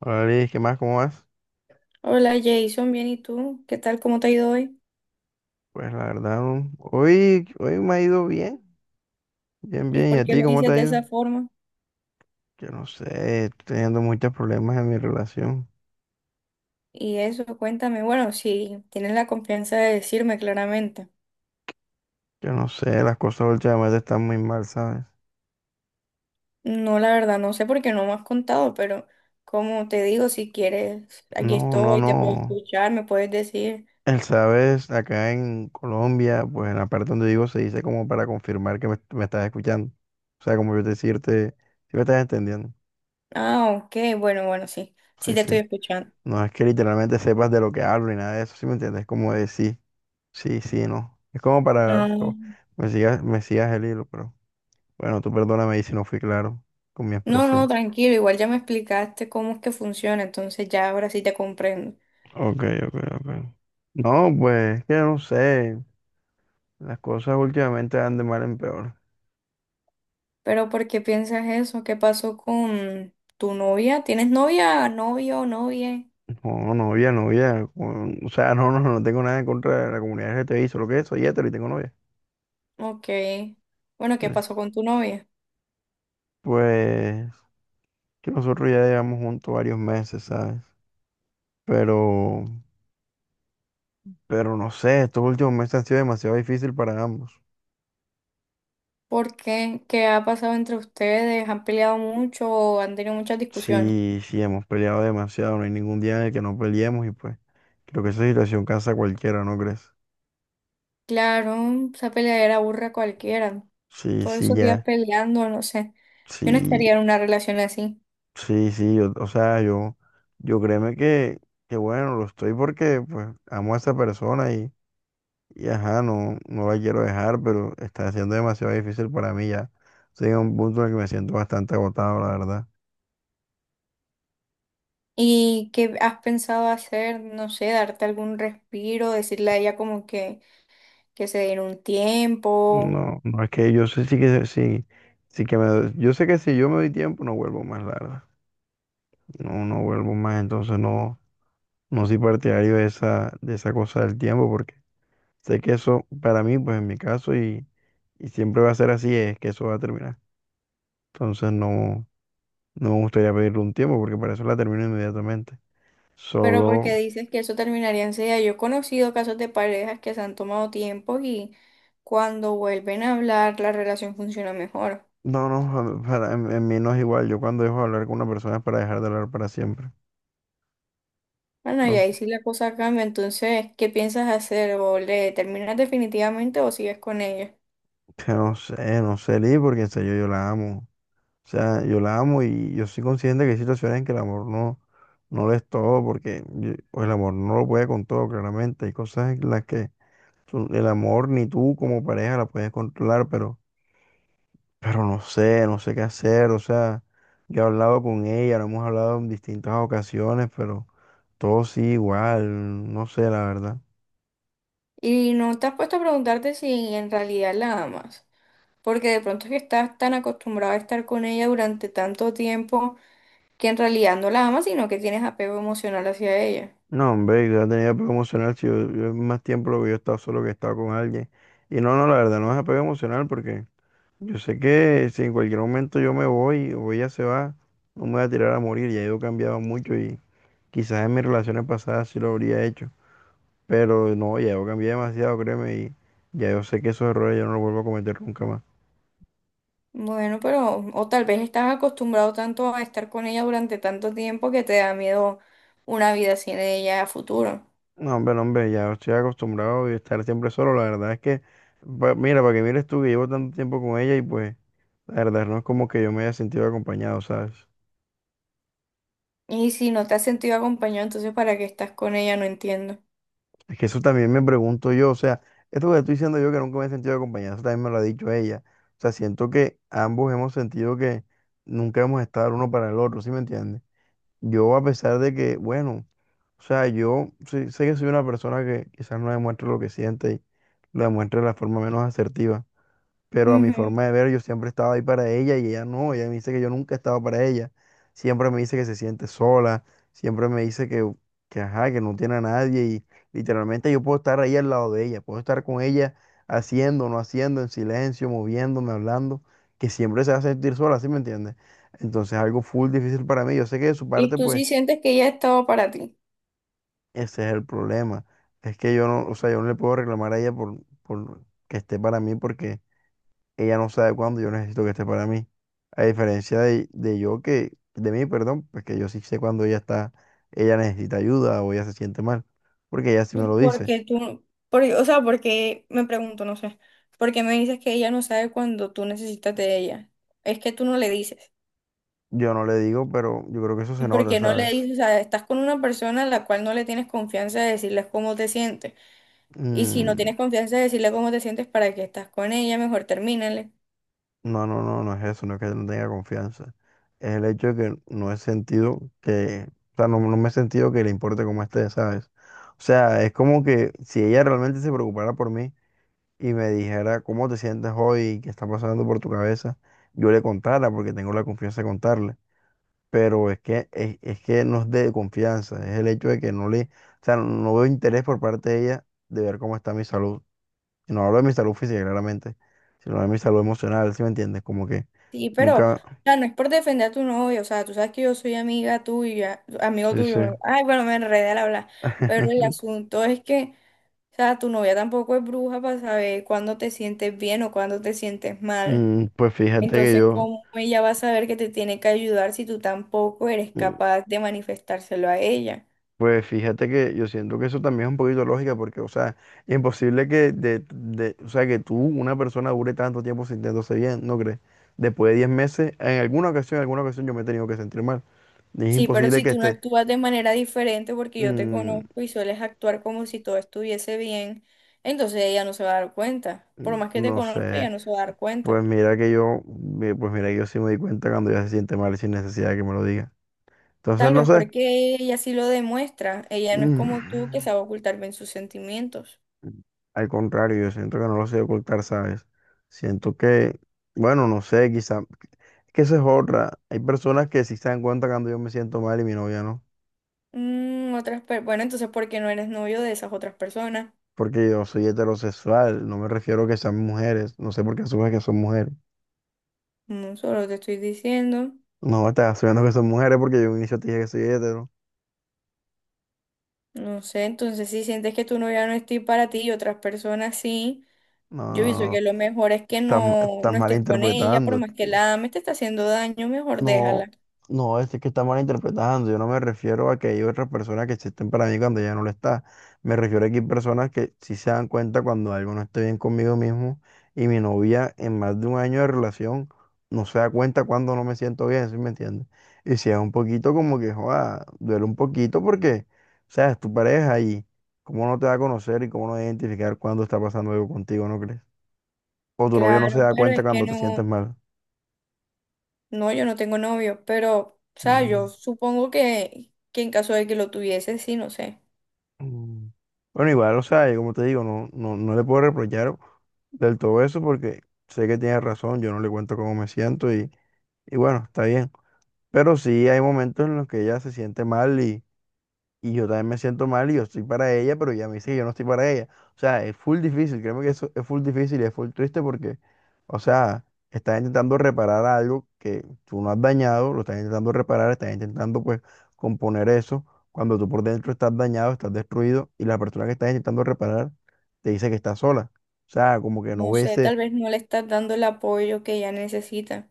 Hola Liz, ¿qué más? ¿Cómo vas? Hola Jason, bien, ¿y tú? ¿Qué tal? ¿Cómo te ha ido hoy? Pues la verdad, hoy, hoy me ha ido bien, bien, ¿Y bien. ¿Y por a qué ti lo cómo te dices ha de ido? esa forma? Yo no sé, estoy teniendo muchos problemas en mi relación. Y eso, cuéntame. Bueno, si tienes la confianza de decirme claramente. Yo no sé, las cosas últimamente están muy mal, ¿sabes? No, la verdad, no sé por qué no me has contado, pero como te digo, si quieres, aquí No, no, estoy, te puedo no. escuchar, me puedes decir. El sabes, acá en Colombia, pues en la parte donde vivo se dice como para confirmar que me estás escuchando. O sea, como yo decirte, si me estás entendiendo. Ah, ok, bueno, bueno, sí, sí Sí, te estoy sí. escuchando. No es que literalmente sepas de lo que hablo ni nada de eso, ¿sí me entiendes? Como decir. Sí, sí, no. Es como para Ah, me sigas el hilo, pero bueno, tú perdóname ahí si no fui claro con mi no, no, expresión. tranquilo, igual ya me explicaste cómo es que funciona, entonces ya ahora sí te comprendo. Ok, ok, ok. No, pues, es que no sé. Las cosas últimamente van de mal en peor. Pero ¿por qué piensas eso? ¿Qué pasó con tu novia? ¿Tienes novia, novio, novia? No, novia, novia. O sea, no, no, no tengo nada en contra de la comunidad LGTBI, solo que soy hetero y tengo novia. Ok. Bueno, ¿qué Entonces, pasó con tu novia? pues, que nosotros ya llevamos juntos varios meses, ¿sabes? Pero, pero no sé, estos últimos meses han sido demasiado difícil para ambos. ¿Por qué? ¿Qué ha pasado entre ustedes? ¿Han peleado mucho o han tenido muchas discusiones? Sí, sí, hemos peleado demasiado, no hay ningún día en el que no peleemos y pues creo que esa situación cansa a cualquiera, ¿no crees? Claro, esa peleadera aburre a cualquiera. Sí, Todos sí, esos días ya, peleando, no sé. Yo no sí, estaría en una relación así. sí, o sea, yo créeme que bueno, lo estoy porque pues amo a esa persona y ajá, no, no la quiero dejar, pero está siendo demasiado difícil para mí ya. Estoy en un punto en el que me siento bastante agotado, la verdad. ¿Y qué has pensado hacer? No sé, darte algún respiro, decirle a ella como que se diera un tiempo. No, no es que yo sé sí que sí, yo sé que si yo me doy tiempo no vuelvo más, la verdad. No, no vuelvo más, entonces no, no soy partidario de de esa cosa del tiempo, porque sé que eso, para mí, pues en mi caso, y siempre va a ser así, es que eso va a terminar. Entonces no, no me gustaría pedirle un tiempo, porque para eso la termino inmediatamente. Pero porque Solo, dices que eso terminaría enseguida. Yo he conocido casos de parejas que se han tomado tiempo y cuando vuelven a hablar la relación funciona mejor. no, no, en mí no es igual. Yo cuando dejo de hablar con una persona es para dejar de hablar para siempre. Bueno, y ahí Entonces, sí la cosa cambia. Entonces, ¿qué piensas hacer? ¿O le terminas definitivamente o sigues con ella? que no sé, no sé, Lee, porque en serio yo la amo. O sea, yo la amo y yo soy consciente que hay situaciones en que el amor no, no lo es todo, porque o el amor no lo puede con todo, claramente. Hay cosas en las que el amor ni tú como pareja la puedes controlar, pero no sé, no sé qué hacer. O sea, yo he hablado con ella, lo hemos hablado en distintas ocasiones, pero todo sí igual, no sé, la verdad. Y no te has puesto a preguntarte si en realidad la amas. Porque de pronto es que estás tan acostumbrado a estar con ella durante tanto tiempo que en realidad no la amas, sino que tienes apego emocional hacia ella. No, hombre, yo tenía apego emocional, si yo, yo más tiempo lo que yo he estado solo que he estado con alguien. Y no, no, la verdad, no es apego emocional porque... Yo sé que si en cualquier momento yo me voy o ella se va, no me voy a tirar a morir. Ya yo he cambiado mucho y quizás en mis relaciones pasadas sí lo habría hecho. Pero no, ya yo cambié demasiado, créeme, y ya yo sé que esos errores yo no los vuelvo a cometer nunca más. Bueno, pero o tal vez estás acostumbrado tanto a estar con ella durante tanto tiempo que te da miedo una vida sin ella a futuro. No, hombre, no, hombre, ya estoy acostumbrado a estar siempre solo. La verdad es que, mira, para que mires tú que llevo tanto tiempo con ella y pues, la verdad no es como que yo me haya sentido acompañado, ¿sabes? Y si no te has sentido acompañado, entonces ¿para qué estás con ella? No entiendo. Es que eso también me pregunto yo, o sea, esto que te estoy diciendo yo que nunca me he sentido acompañado, eso también me lo ha dicho ella. O sea, siento que ambos hemos sentido que nunca hemos estado el uno para el otro, ¿sí me entiendes? Yo a pesar de que, bueno, o sea, sé que soy una persona que quizás no demuestre lo que siente y lo demuestre de la forma menos asertiva, pero a mi Ujú. forma de ver, yo siempre estaba ahí para ella y ella no, ella me dice que yo nunca estaba para ella. Siempre me dice que se siente sola, siempre me dice que ajá, que no tiene a nadie y literalmente yo puedo estar ahí al lado de ella, puedo estar con ella haciendo, no haciendo, en silencio, moviéndome, hablando, que siempre se va a sentir sola, ¿sí me entiendes? Entonces algo full difícil para mí. Yo sé que de su Y parte, tú pues, sí sientes que ella ha estado para ti. ese es el problema. Es que yo no, o sea, yo no le puedo reclamar a ella por que esté para mí porque ella no sabe cuándo yo necesito que esté para mí. A diferencia de yo que, de mí, perdón, pues que yo sí sé cuándo ella está, ella necesita ayuda o ella se siente mal, porque ella sí me lo dice. O sea, porque me pregunto, no sé, porque me dices que ella no sabe cuando tú necesitas de ella. Es que tú no le dices. Yo no le digo, pero yo creo que eso ¿Y se por nota, qué no le ¿sabes? dices? O sea, estás con una persona a la cual no le tienes confianza de decirles cómo te sientes. Y si no Mm, tienes confianza de decirle cómo te sientes para que estás con ella, mejor termínale. no, no, no, no es eso, no es que no tenga confianza. Es el hecho de que no he sentido que, o sea, no, no me he sentido que le importe cómo esté, ¿sabes? O sea, es como que si ella realmente se preocupara por mí, y me dijera cómo te sientes hoy, qué está pasando por tu cabeza, yo le contara porque tengo la confianza de contarle. Pero es que, es que no es de confianza, es el hecho de que no le, o sea, no veo interés por parte de ella de ver cómo está mi salud. Y no hablo de mi salud física, claramente, sino de mi salud emocional, ¿sí me entiendes? Como que Sí, pero, o nunca, sea, no es por defender a tu novio, o sea, tú sabes que yo soy amiga tuya, amigo sí, tuyo, sí. bro. Ay, bueno, me enredé al hablar. Pero el asunto es que, o sea, tu novia tampoco es bruja para saber cuándo te sientes bien o cuándo te sientes mal. Mm, Pues fíjate que Entonces, yo, ¿cómo ella va a saber que te tiene que ayudar si tú tampoco eres mm, capaz de manifestárselo a ella? Pues fíjate que yo siento que eso también es un poquito lógica porque, o sea, es imposible que, o sea, que tú, una persona, dure tanto tiempo sintiéndose bien, ¿no crees? Después de 10 meses, en alguna ocasión yo me he tenido que sentir mal. Es Sí, pero imposible si que tú no esté, actúas de manera diferente porque yo te mm, conozco y sueles actuar como si todo estuviese bien, entonces ella no se va a dar cuenta. Por más que te no conozca, ella sé, no se va a dar cuenta. pues mira que pues mira que yo sí me di cuenta cuando ya se siente mal sin necesidad de que me lo diga. Entonces, Tal no vez sé, porque ella sí lo demuestra. Ella no es como tú que mm, sabe ocultar bien sus sentimientos. al contrario, yo siento que no lo sé ocultar, ¿sabes? Siento que, bueno, no sé, quizá que eso es otra. Hay personas que sí se dan cuenta cuando yo me siento mal y mi novia no. Bueno, entonces ¿por qué no eres novio de esas otras personas? Porque yo soy heterosexual, no me refiero a que sean mujeres. No sé por qué asumes que son mujeres. No, solo te estoy diciendo. No, estás asumiendo que son mujeres porque yo en un inicio te dije que soy hetero. No sé, entonces si sientes que tu novia no es ti- para ti y otras personas sí. No, Yo pienso no, no. que lo mejor es que Estás, no, estás no estés con ella, por malinterpretando. más que la ames, te está haciendo daño, mejor déjala. No, no, es que está mal interpretando. Yo no me refiero a que hay otras personas que existen para mí cuando ya no lo está. Me refiero a que hay personas que sí se dan cuenta cuando algo no esté bien conmigo mismo. Y mi novia, en más de 1 año de relación, no se da cuenta cuando no me siento bien, ¿sí me entiendes? Y si es un poquito como que, joda, duele un poquito porque, o sea, es tu pareja y cómo no te va a conocer y cómo no va a identificar cuando está pasando algo contigo, ¿no crees? O tu novio no Claro, se da pero cuenta es que cuando te sientes no, mal. no, yo no tengo novio, pero, o sea, Mm. yo supongo que en caso de que lo tuviese, sí, no sé. Mm. Bueno, igual, o sea, yo como te digo, no, no, no le puedo reprochar del todo eso porque sé que tiene razón, yo no le cuento cómo me siento y bueno, está bien. Pero sí hay momentos en los que ella se siente mal y yo también me siento mal y yo estoy para ella, pero ella me dice que yo no estoy para ella. O sea, es full difícil, créeme que eso es full difícil y es full triste porque, o sea, estás intentando reparar algo que tú no has dañado, lo estás intentando reparar, estás intentando pues componer eso, cuando tú por dentro estás dañado, estás destruido y la persona que estás intentando reparar te dice que está sola. O sea, como que no No ve sé, ese, tal vez no le estás dando el apoyo que ella necesita.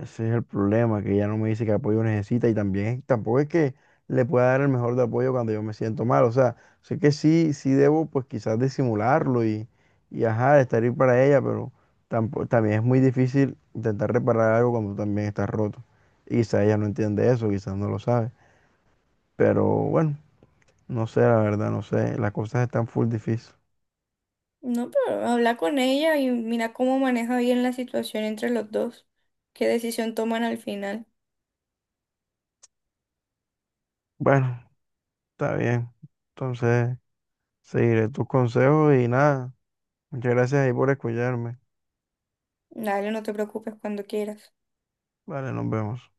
ese es el problema, que ella no me dice qué apoyo necesita y también tampoco es que le pueda dar el mejor de apoyo cuando yo me siento mal. O sea, sé que sí, sí debo pues quizás disimularlo y ajá, estar ahí para ella, pero tampoco, también es muy difícil intentar reparar algo cuando tú también estás roto. Y quizás ella no entiende eso, quizás no lo sabe. Pero bueno, no sé, la verdad, no sé. Las cosas están full difícil. No, pero habla con ella y mira cómo maneja bien la situación entre los dos. ¿Qué decisión toman al final? Bueno, está bien. Entonces, seguiré tus consejos y nada. Muchas gracias ahí por escucharme. Dale, no te preocupes cuando quieras. Vale, nos vemos.